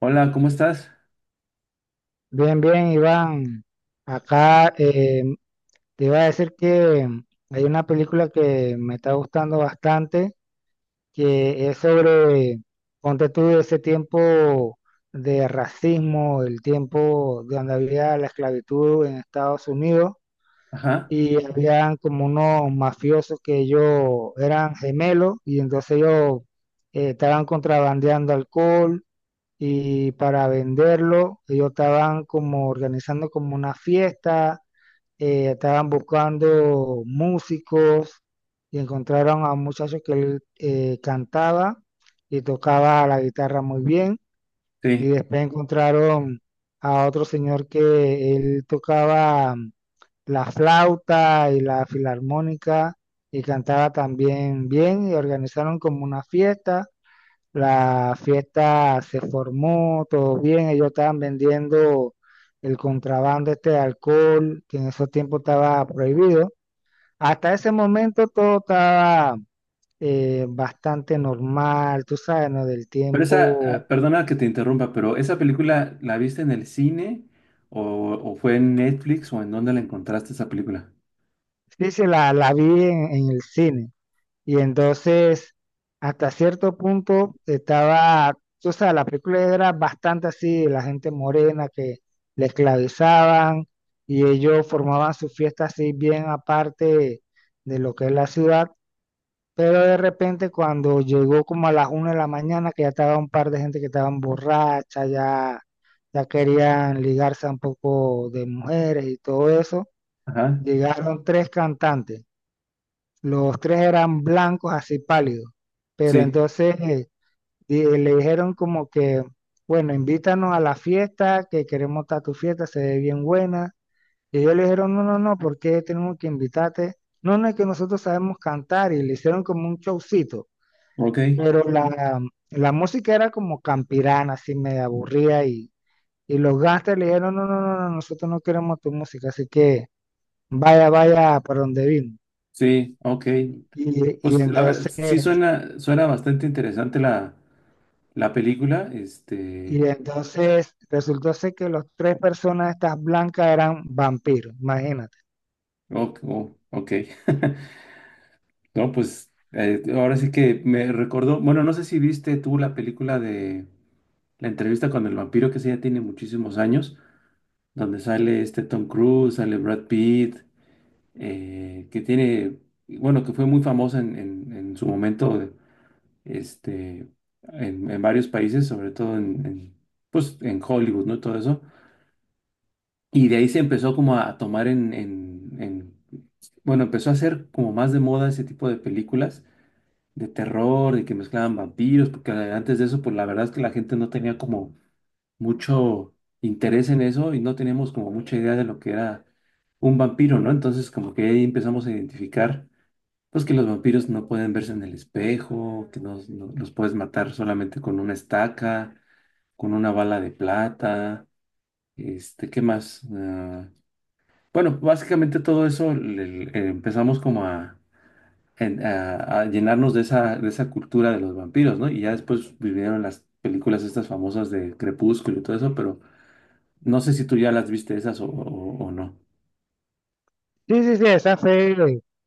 Hola, ¿cómo estás? Bien, bien, Iván. Acá te iba a decir que hay una película que me está gustando bastante, que es sobre, ponte tú, ese tiempo de racismo, el tiempo donde había la esclavitud en Estados Unidos Ajá, y habían como unos mafiosos que ellos eran gemelos y entonces ellos estaban contrabandeando alcohol y para venderlo, ellos estaban como organizando como una fiesta. Estaban buscando músicos y encontraron a un muchacho que cantaba y tocaba la guitarra muy bien y sí. después encontraron a otro señor que él tocaba la flauta y la filarmónica y cantaba también bien y organizaron como una fiesta. La fiesta se formó, todo bien, ellos estaban vendiendo el contrabando este de alcohol, que en esos tiempos estaba prohibido. Hasta ese momento todo estaba bastante normal, tú sabes, ¿no? Del Pero esa, tiempo, perdona que te interrumpa, pero ¿esa película la viste en el cine o, o fue en Netflix o en dónde la encontraste esa película? sí, sí, la vi en el cine. Y entonces, hasta cierto punto, estaba, o sea, la película era bastante así, la gente morena que le esclavizaban y ellos formaban su fiesta así bien aparte de lo que es la ciudad. Pero de repente cuando llegó como a las una de la mañana, que ya estaba un par de gente que estaban borracha, ya, ya querían ligarse a un poco de mujeres y todo eso, Ajá, llegaron tres cantantes, los tres eran blancos, así pálidos. Pero sí, entonces le dijeron como que, bueno, invítanos a la fiesta, que queremos estar a tu fiesta, se ve bien buena. Y ellos le dijeron, no, no, no, ¿por qué tenemos que invitarte? No, no, es que nosotros sabemos cantar y le hicieron como un showcito. ok, Pero la música era como campirana, así medio aburrida y los gangsters le dijeron, no, no, no, no, nosotros no queremos tu música, así que vaya, vaya para donde vino. sí, ok. Y, y Pues la verdad, entonces sí suena, suena bastante interesante la película, Y entonces resultó ser que las tres personas estas blancas eran vampiros, imagínate. oh, oh, ok. No, pues ahora sí que me recordó, bueno, no sé si viste tú la película de La entrevista con el vampiro, que esa ya tiene muchísimos años. Donde sale este Tom Cruise, sale Brad Pitt, que tiene, bueno, que fue muy famosa en su momento, este, en varios países, sobre todo pues, en Hollywood, ¿no? Todo eso. Y de ahí se empezó como a tomar bueno, empezó a hacer como más de moda ese tipo de películas de terror, de que mezclaban vampiros, porque antes de eso, pues la verdad es que la gente no tenía como mucho interés en eso y no teníamos como mucha idea de lo que era un vampiro, ¿no? Entonces como que ahí empezamos a identificar, pues que los vampiros no pueden verse en el espejo, que los puedes matar solamente con una estaca, con una bala de plata, este, ¿qué más? Ah, bueno, básicamente todo eso empezamos como a... a llenarnos de de esa cultura de los vampiros, ¿no? Y ya después vinieron las películas estas famosas de Crepúsculo y todo eso, pero no sé si tú ya las viste esas o, o no. Sí, sí, sí, esa fue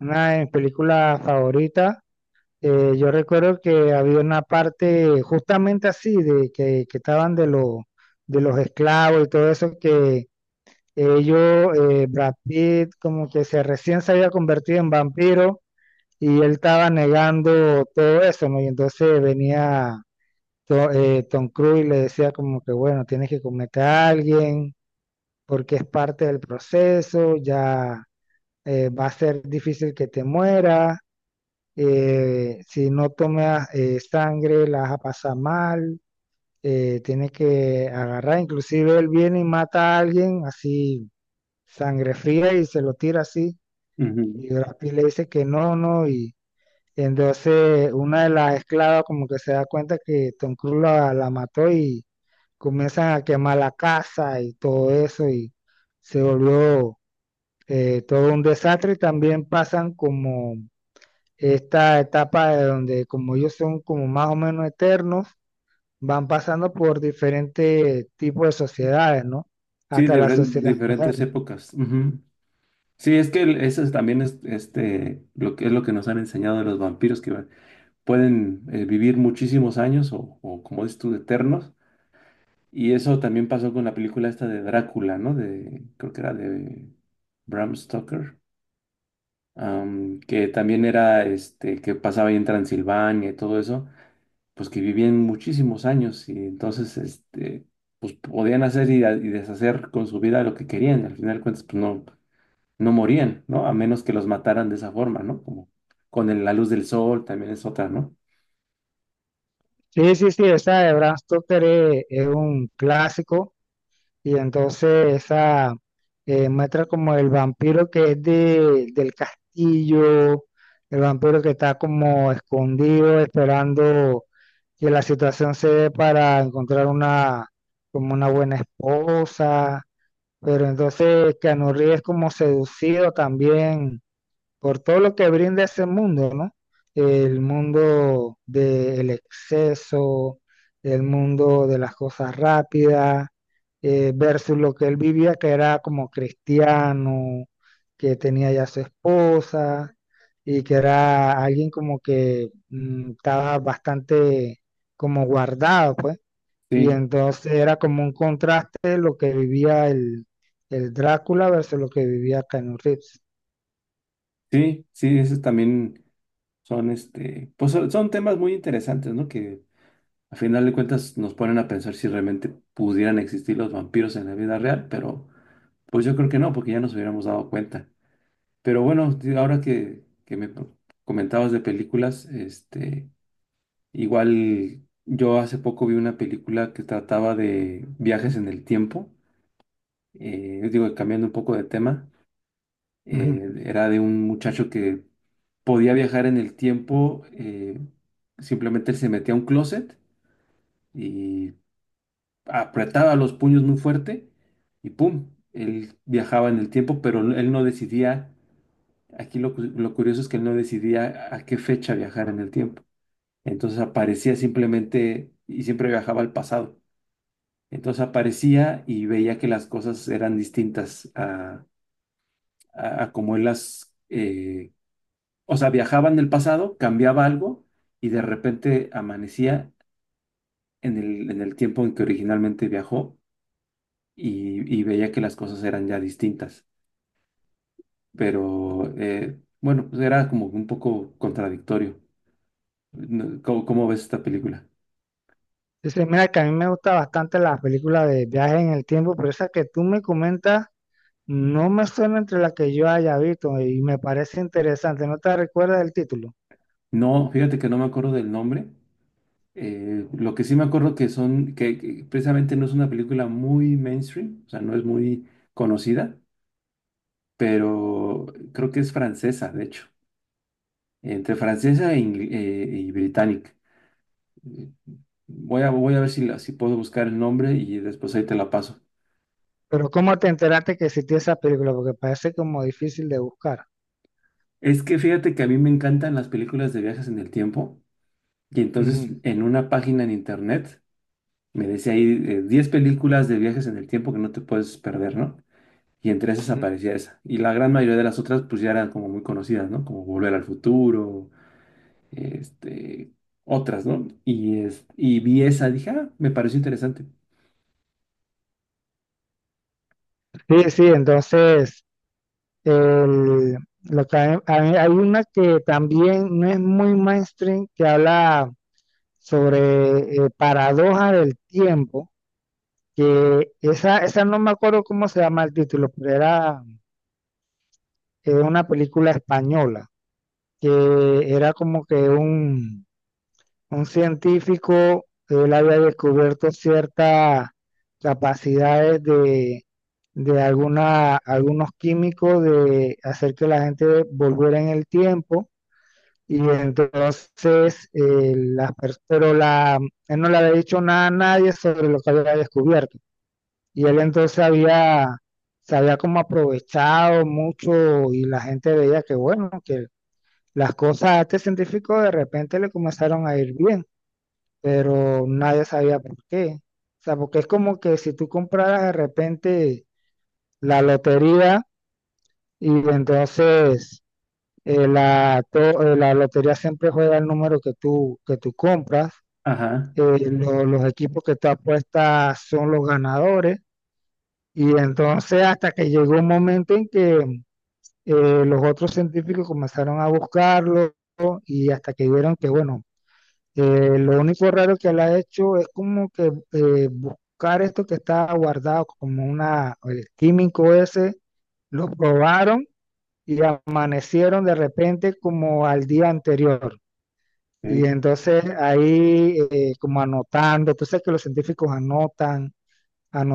una de mis películas favoritas. Yo recuerdo que había una parte justamente así, de que estaban los de los esclavos y todo eso, que Brad Pitt, como que se recién se había convertido en vampiro y él estaba negando todo eso, ¿no? Y entonces venía Tom Cruise le decía como que, bueno, tienes que comerte a alguien porque es parte del proceso. Ya va a ser difícil que te mueras, si no tomas sangre la vas a pasar mal. Tienes que agarrar, inclusive él viene y mata a alguien así, sangre fría y se lo tira así, Ujú. y Brad Pitt le dice que no, no, y entonces una de las esclavas como que se da cuenta que Tom Cruise la mató y comienzan a quemar la casa y todo eso y se volvió todo un desastre. Y también pasan como esta etapa de donde como ellos son como más o menos eternos, van pasando por diferentes tipos de sociedades, ¿no? Sí, Hasta de la sociedad diferentes moderna. épocas. Ujú. Sí, es que eso es también es este, lo que es lo que nos han enseñado de los vampiros, que pueden vivir muchísimos años o, como dices tú, eternos. Y eso también pasó con la película esta de Drácula, ¿no? De, creo que era de Bram Stoker, que también era este, que pasaba ahí en Transilvania y todo eso. Pues que vivían muchísimos años y entonces, este, pues podían hacer y deshacer con su vida lo que querían. Al final de cuentas, pues no, no morían, ¿no? A menos que los mataran de esa forma, ¿no? Como con la luz del sol también es otra, ¿no? Sí, sí, sí, esa de Bram Stoker es un clásico. Y entonces esa muestra como el vampiro que es del castillo, el vampiro que está como escondido esperando que la situación se dé para encontrar como una buena esposa. Pero entonces Keanu Reeves es como seducido también por todo lo que brinda ese mundo, ¿no? El mundo del exceso, el mundo de las cosas rápidas, versus lo que él vivía, que era como cristiano, que tenía ya su esposa y que era alguien como que estaba bastante como guardado, pues. Y Sí, entonces era como un contraste lo que vivía el Drácula versus lo que vivía Keanu Reeves. sí, sí, esos también son, este, pues son, son temas muy interesantes, ¿no? Que al final de cuentas nos ponen a pensar si realmente pudieran existir los vampiros en la vida real, pero pues yo creo que no, porque ya nos hubiéramos dado cuenta. Pero bueno, ahora que, me comentabas de películas, este, igual yo hace poco vi una película que trataba de viajes en el tiempo, digo, cambiando un poco de tema, Ujú. Era de un muchacho que podía viajar en el tiempo, simplemente él se metía a un closet y apretaba los puños muy fuerte y ¡pum! Él viajaba en el tiempo, pero él no decidía. Aquí lo, lo curioso es que él no decidía a qué fecha viajar en el tiempo. Entonces aparecía simplemente y siempre viajaba al pasado. Entonces aparecía y veía que las cosas eran distintas a, a como él las... o sea, viajaba en el pasado, cambiaba algo y de repente amanecía en el tiempo en que originalmente viajó y veía que las cosas eran ya distintas. Pero bueno, pues era como un poco contradictorio. ¿Cómo, cómo ves esta película? Dice, mira que a mí me gusta bastante las películas de viaje en el tiempo, pero esa que tú me comentas no me suena entre las que yo haya visto y me parece interesante. No te recuerdas del título. No, fíjate que no me acuerdo del nombre. Lo que sí me acuerdo que son, que precisamente no es una película muy mainstream, o sea, no es muy conocida, pero creo que es francesa, de hecho, entre francesa e y británica. Eh, voy a ver si, si puedo buscar el nombre y después ahí te la paso. Pero ¿cómo te enteraste que existía esa película? Porque parece como difícil de buscar. Es que fíjate que a mí me encantan las películas de viajes en el tiempo y entonces Ujú, en una página en internet me decía ahí 10 películas de viajes en el tiempo que no te puedes perder, ¿no? Y entre esas ujú. aparecía esa. Y la gran mayoría de las otras pues ya eran como muy conocidas, ¿no? Como Volver al Futuro, este, otras, ¿no? Y, es, y vi esa, dije, ah, me pareció interesante. Sí, sí, entonces el- lo que hay una que también no es muy mainstream que habla sobre paradoja del tiempo, que esa no me acuerdo cómo se llama el título, pero era una película española, que era como que un científico. Él había descubierto ciertas capacidades de algunos químicos de hacer que la gente volviera en el tiempo. Y entonces, las pers- pero la, él no le había dicho nada a nadie sobre lo que había descubierto. Y él entonces había, se había como aprovechado mucho y la gente veía que bueno, que las cosas a este científico de repente le comenzaron a ir bien, pero nadie sabía por qué. O sea, porque es como que si tú compraras de repente la lotería y entonces la lotería siempre juega el número que tú compras, Ajá, los equipos que tú apuestas son los ganadores. Y entonces hasta que llegó un momento en que los otros científicos comenzaron a buscarlo y hasta que vieron que, bueno, lo único raro que él ha hecho es como que buscar esto que está guardado como el químico ese, lo probaron y amanecieron de repente como al día anterior. Y ok. entonces ahí como anotando, tú sabes que los científicos anotan,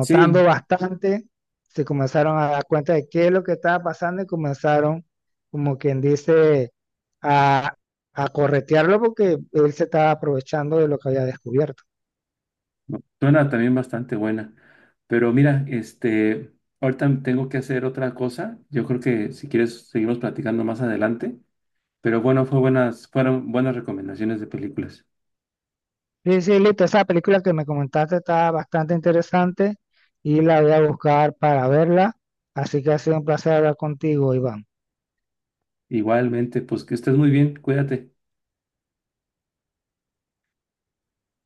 Sí, bastante, se comenzaron a dar cuenta de qué es lo que estaba pasando y comenzaron, como quien dice, a, a corretearlo porque él se estaba aprovechando de lo que había descubierto. no, suena también bastante buena. Pero mira, este, ahorita tengo que hacer otra cosa. Yo creo que si quieres seguimos platicando más adelante. Pero bueno, fue buenas, fueron buenas recomendaciones de películas. Sí, sí, listo, esa película que me comentaste está bastante interesante y la voy a buscar para verla, así que ha sido un placer hablar contigo, Iván. Igualmente, pues que estés muy bien, cuídate.